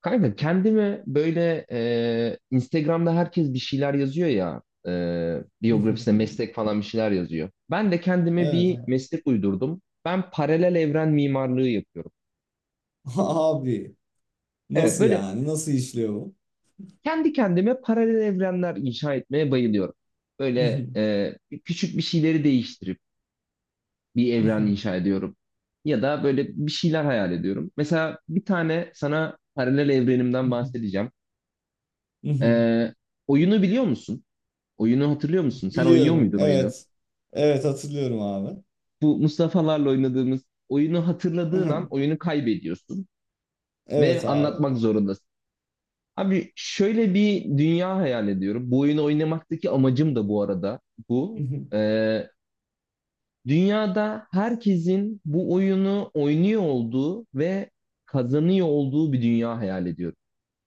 Kanka kendime böyle Instagram'da herkes bir şeyler yazıyor ya, biyografisine meslek falan bir şeyler yazıyor. Ben de kendime bir Evet. meslek uydurdum. Ben paralel evren mimarlığı yapıyorum. Abi, Evet, nasıl böyle yani? Nasıl işliyor bu? kendi kendime paralel evrenler inşa etmeye bayılıyorum. Böyle küçük bir şeyleri değiştirip bir evren inşa ediyorum. Ya da böyle bir şeyler hayal ediyorum. Mesela bir tane sana paralel evrenimden bahsedeceğim. E, Oyunu biliyor musun? Oyunu hatırlıyor musun? Sen oynuyor Biliyorum. muydun oyunu? Evet. Evet, hatırlıyorum abi. Bu Mustafa'larla oynadığımız oyunu hatırladığın an oyunu kaybediyorsun ve Evet abi. anlatmak zorundasın. Abi şöyle bir dünya hayal ediyorum. Bu oyunu oynamaktaki amacım da bu arada bu. Ee, dünyada herkesin bu oyunu oynuyor olduğu ve kazanıyor olduğu bir dünya hayal ediyorum.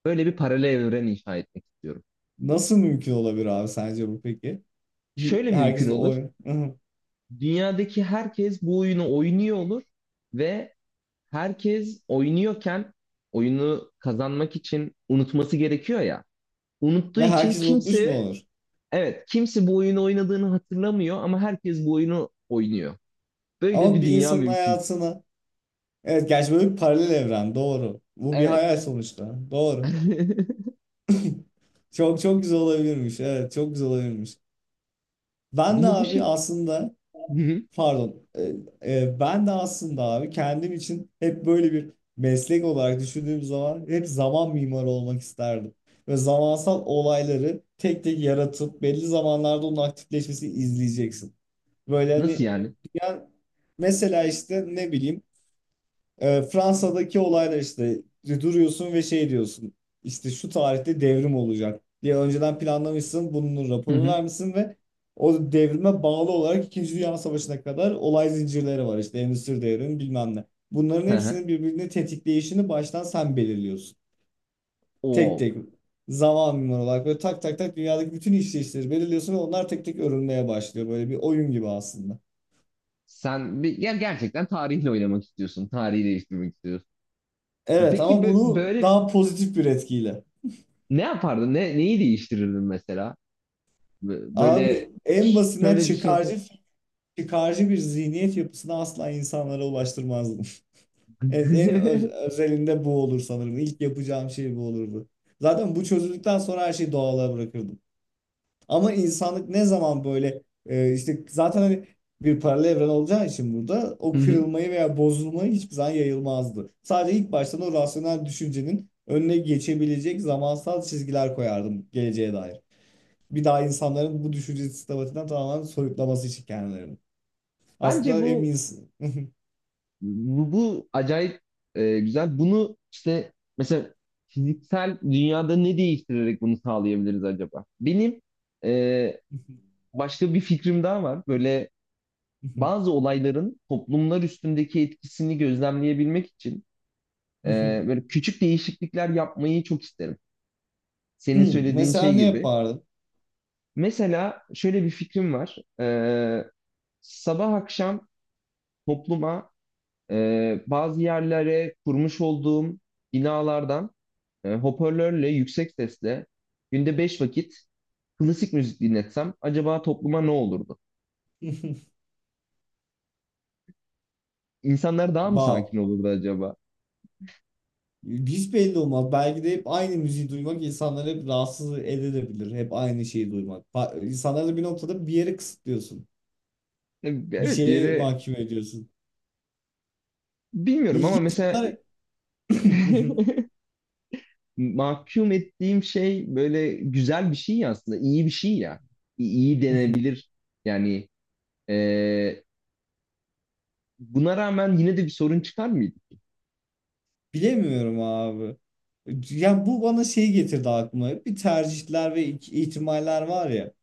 Böyle bir paralel evren inşa etmek istiyorum. Nasıl mümkün olabilir abi, sence bu peki? Bir, Şöyle mümkün herkes olur. oy Dünyadaki herkes bu oyunu oynuyor olur ve herkes oynuyorken oyunu kazanmak için unutması gerekiyor ya. Unuttuğu ve için herkes unutmuş mu kimse, olur? evet, kimse bu oyunu oynadığını hatırlamıyor ama herkes bu oyunu oynuyor. Böyle Ama bir bir dünya insanın mümkün. hayatını, evet, gerçi böyle bir paralel evren doğru. Bu bir Evet. hayal sonuçta. Doğru. Çok çok güzel olabilirmiş. Evet, çok güzel olabilirmiş. Ben de Bunu bu abi şey. aslında Hı hı. Pardon. Ben de aslında abi kendim için hep böyle bir meslek olarak düşündüğüm zaman hep zaman mimarı olmak isterdim. Ve zamansal olayları tek tek yaratıp belli zamanlarda onun aktifleşmesini izleyeceksin. Böyle Nasıl hani, yani? yani mesela işte ne bileyim, Fransa'daki olaylar işte, duruyorsun ve şey diyorsun, işte şu tarihte devrim olacak diye önceden planlamışsın, bunun Hı raporunu hı. vermişsin ve o devrime bağlı olarak İkinci Dünya Savaşı'na kadar olay zincirleri var, işte endüstri devrimi bilmem ne. Bunların Hı hı. hepsinin birbirini tetikleyişini baştan sen belirliyorsun. Tek Oo. tek, zaman mimar olarak böyle tak tak tak dünyadaki bütün işleyişleri belirliyorsun ve onlar tek tek örülmeye başlıyor. Böyle bir oyun gibi aslında. Ya gerçekten tarihle oynamak istiyorsun. Tarihi değiştirmek istiyorsun. Evet, Peki ama bunu böyle daha pozitif bir etkiyle. ne yapardın? Neyi değiştirirdin mesela? Abi, Böyle en basitinden şöyle bir şey yapar. çıkarcı çıkarcı bir zihniyet yapısına asla insanlara ulaştırmazdım. Evet, en özelinde bu olur sanırım. İlk yapacağım şey bu olurdu. Zaten bu çözüldükten sonra her şeyi doğala bırakırdım. Ama insanlık ne zaman böyle işte zaten hani bir paralel evren olacağı için burada o kırılmayı veya bozulmayı hiçbir zaman yayılmazdı. Sadece ilk baştan o rasyonel düşüncenin önüne geçebilecek zamansal çizgiler koyardım geleceğe dair, bir daha insanların bu düşünce sistematiğinden tamamen soyutlaması için kendilerini. Bence Aslında en bu, iyisi. bu acayip güzel. Bunu işte mesela fiziksel dünyada ne değiştirerek bunu sağlayabiliriz acaba? Benim e, başka bir fikrim daha var. Böyle bazı olayların toplumlar üstündeki etkisini gözlemleyebilmek için e, böyle küçük değişiklikler yapmayı çok isterim. Senin Hmm, söylediğin mesela şey ne gibi. yapardın? Mesela şöyle bir fikrim var. Sabah akşam topluma, bazı yerlere kurmuş olduğum binalardan hoparlörle yüksek sesle günde 5 vakit klasik müzik dinletsem acaba topluma ne olurdu? İnsanlar daha mı sakin Wow. olurdu acaba? Hiç belli olmaz. Belki de hep aynı müziği duymak insanları hep rahatsız edebilir. Hep aynı şeyi duymak. İnsanları da bir noktada bir yere kısıtlıyorsun. Bir Evet, bir şeye yere mahkum ediyorsun. bilmiyorum ama İlginç. mesela Bunlar mahkum ettiğim şey böyle güzel bir şey ya, aslında iyi bir şey ya. İyi denebilir yani, e, buna rağmen yine de bir sorun çıkar mıydı? Bilemiyorum abi. Yani bu bana şey getirdi aklıma. Bir tercihler ve ihtimaller var ya.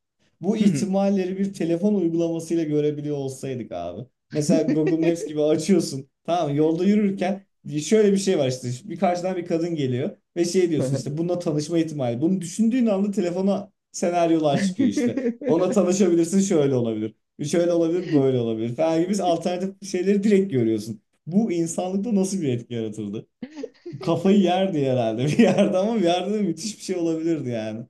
Bu Hı ihtimalleri bir telefon uygulamasıyla görebiliyor olsaydık abi. Mesela Google Maps gibi açıyorsun. Tamam mı? Yolda yürürken şöyle bir şey var işte. Bir karşıdan bir kadın geliyor ve şey diyorsun, hı. işte bununla tanışma ihtimali. Bunu düşündüğün anda telefona senaryolar çıkıyor işte. Ona tanışabilirsin, şöyle olabilir. Şöyle olabilir, böyle olabilir falan gibi alternatif şeyleri direkt görüyorsun. Bu insanlıkta nasıl bir etki yaratırdı? Kafayı yerdi herhalde bir yerde, ama bir yerde de müthiş bir şey olabilirdi yani.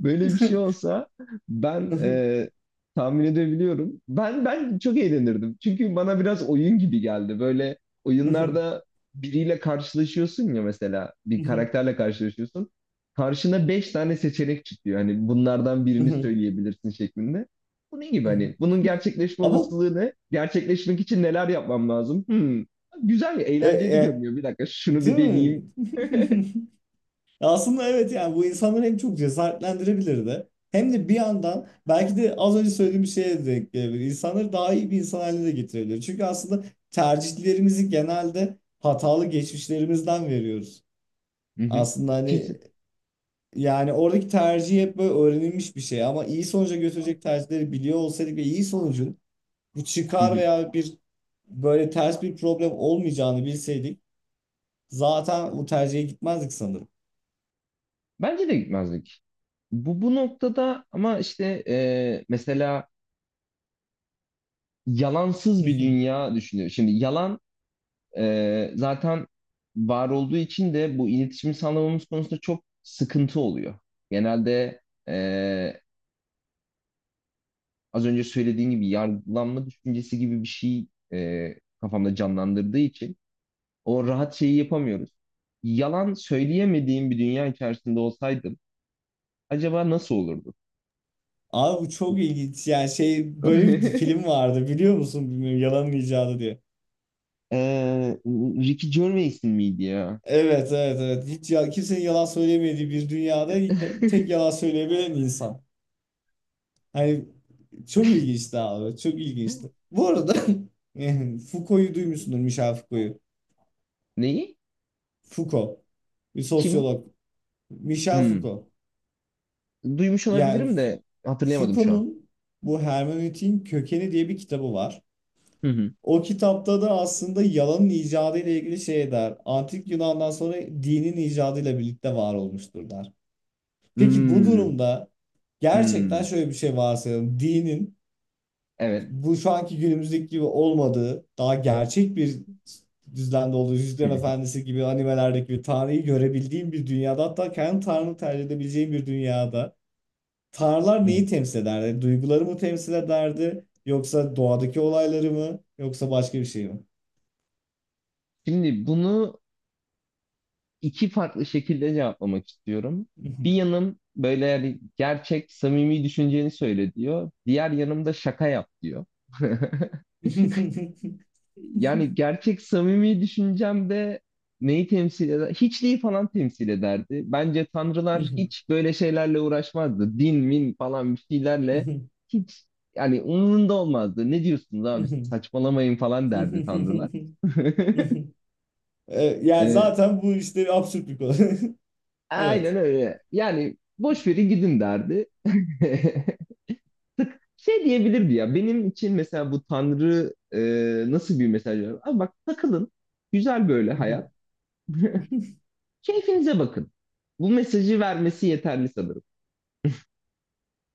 Böyle bir şey olsa ben tahmin edebiliyorum. Ben çok eğlenirdim. Çünkü bana biraz oyun gibi geldi. Böyle oyunlarda biriyle karşılaşıyorsun ya, mesela bir karakterle karşılaşıyorsun. Karşına beş tane seçenek çıkıyor. Hani bunlardan birini söyleyebilirsin şeklinde. Bu ne gibi, hani bunun gerçekleşme Ama olasılığı ne? Gerçekleşmek için neler yapmam lazım? Hmm. Güzel, e, eğlenceli e, görünüyor. Bir dakika, şunu bir değil mi? deneyeyim. Aslında evet, yani bu insanları hem çok cesaretlendirebilirdi hem de bir yandan belki de az önce söylediğim şeye denk gelebilir. İnsanları daha iyi bir insan haline de getirebilir. Çünkü aslında tercihlerimizi genelde hatalı geçmişlerimizden veriyoruz. Hı hı. Aslında Kesin. hani, yani oradaki tercih hep böyle öğrenilmiş bir şey, ama iyi sonuca götürecek tercihleri biliyor olsaydık ve iyi sonucun bu çıkar veya bir böyle ters bir problem olmayacağını bilseydik zaten bu tercihe gitmezdik sanırım. Bence de gitmezdik. Bu bu noktada ama işte mesela yalansız bir dünya düşünüyor. Şimdi yalan zaten var olduğu için de bu iletişimi sağlamamız konusunda çok sıkıntı oluyor. Genelde e, az önce söylediğim gibi yargılanma düşüncesi gibi bir şey e, kafamda canlandırdığı için o rahat şeyi yapamıyoruz. Yalan söyleyemediğim bir dünya içerisinde olsaydım acaba nasıl olurdu? Abi bu çok ilginç, yani şey, böyle bir film vardı, biliyor musun bilmiyorum, yalanın icadı diye. Ee, Ricky Gervais'in miydi ya? Evet, evet, evet, hiç ya, kimsenin yalan söyleyemediği bir dünyada tek yalan söyleyebilen insan. Hani, çok ilginçti abi. Çok ilginçti. Bu arada yani Foucault'u duymuşsundur, Michel Foucault'u. Neyi? Foucault. Bir Kim? sosyolog. Michel Hmm. Foucault. Duymuş Yani olabilirim F- de hatırlayamadım şu an. Foucault'un bu hermeneutiğin kökeni diye bir kitabı var. Hı hı. O kitapta da aslında yalanın icadı ile ilgili şey der. Antik Yunan'dan sonra dinin icadıyla birlikte var olmuştur der. Peki bu Hmm. durumda Hmm. gerçekten şöyle bir şey varsayalım. Dinin Evet. bu şu anki günümüzdeki gibi olmadığı, daha gerçek bir düzlemde olduğu, Yüzüklerin Efendisi gibi animelerdeki gibi Tanrı'yı görebildiğim bir dünyada, hatta kendi Tanrı'nı tercih edebileceğim bir dünyada Tanrılar neyi temsil ederdi? Duyguları mı temsil ederdi? Yoksa doğadaki olayları mı? Yoksa başka bir şey mi? Şimdi bunu iki farklı şekilde cevaplamak istiyorum. Bir yanım böyle yani gerçek, samimi düşünceni söyle diyor. Diğer yanım da şaka yap diyor. Yani gerçek samimi düşüncemde neyi temsil eder? Hiçliği falan temsil ederdi. Bence tanrılar hiç böyle şeylerle uğraşmazdı. Din, min falan bir şeylerle hiç, yani umurunda olmazdı. Ne diyorsunuz abi, saçmalamayın falan derdi tanrılar. E, yani Ee, zaten bu işte absürt bir konu. aynen Evet. öyle. Yani boş verin gidin derdi. Şey diyebilirdi ya, benim için mesela bu tanrı nasıl bir mesaj veriyor? Abi bak, takılın, güzel böyle hayat. Keyfinize bakın. Bu mesajı vermesi yeterli sanırım.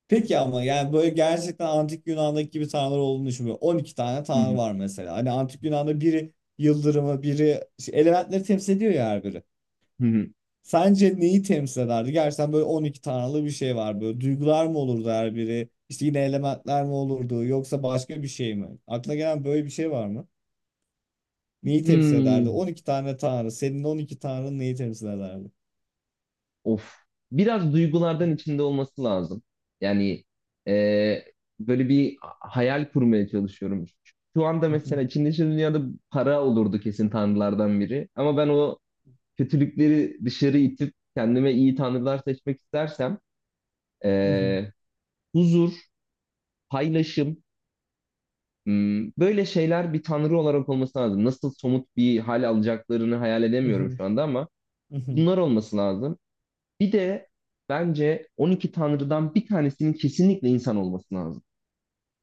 Peki ama yani böyle gerçekten antik Yunan'daki gibi tanrılar olduğunu düşünmüyorum. 12 tane Hı tanrı hı. var mesela. Hani antik Yunan'da biri yıldırımı, biri şey, elementleri temsil ediyor ya her biri. Hı hı. Sence neyi temsil ederdi? Gerçekten böyle 12 tanrılı bir şey var. Böyle duygular mı olurdu her biri? İşte yine elementler mi olurdu? Yoksa başka bir şey mi? Aklına gelen böyle bir şey var. Neyi temsil ederdi? Hmm, 12 tane tanrı. Senin 12 tanrın neyi temsil ederdi? of. Biraz duygulardan içinde olması lazım. Yani e, böyle bir hayal kurmaya çalışıyorum. Şu anda mesela içinde şu dünyada para olurdu kesin, tanrılardan biri. Ama ben o kötülükleri dışarı itip kendime iyi tanrılar seçmek istersem e, huzur, paylaşım, böyle şeyler bir tanrı olarak olması lazım. Nasıl somut bir hal alacaklarını hayal edemiyorum şu anda ama bunlar olması lazım. Bir de bence 12 tanrıdan bir tanesinin kesinlikle insan olması lazım.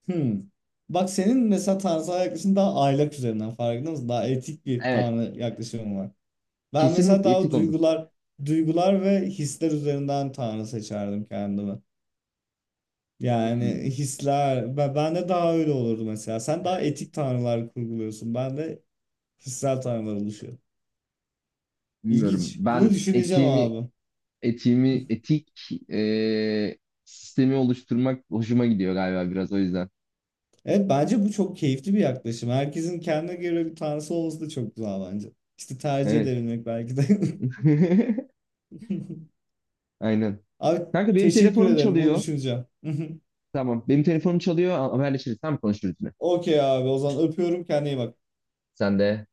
Hmm. Bak, senin mesela tanrısal yaklaşımın daha aylak üzerinden, farkında mısın? Daha etik bir Evet, tanrı yaklaşımın var. Ben mesela kesinlikle daha etik olması. duygular ve hisler üzerinden tanrı seçerdim kendime. Yani Hmm, hisler, ben de daha öyle olurdu mesela. Sen daha etik tanrılar kurguluyorsun. Ben de hissel tanrılar oluşuyor. bilmiyorum. İlginç. Bunu Ben düşüneceğim etiğimi abi. etiğimi etik sistemi oluşturmak hoşuma gidiyor galiba, biraz o yüzden. Evet, bence bu çok keyifli bir yaklaşım. Herkesin kendine göre bir tanrısı olması da çok güzel bence. İşte tercih Evet. edebilmek belki de. Aynen. Abi Kanka benim teşekkür telefonum ederim, bunu çalıyor. düşüneceğim. Tamam. Benim telefonum çalıyor. Haberleşiriz. Tamam, konuşuruz yine. Okey abi, o zaman öpüyorum, kendine iyi bak. Sen de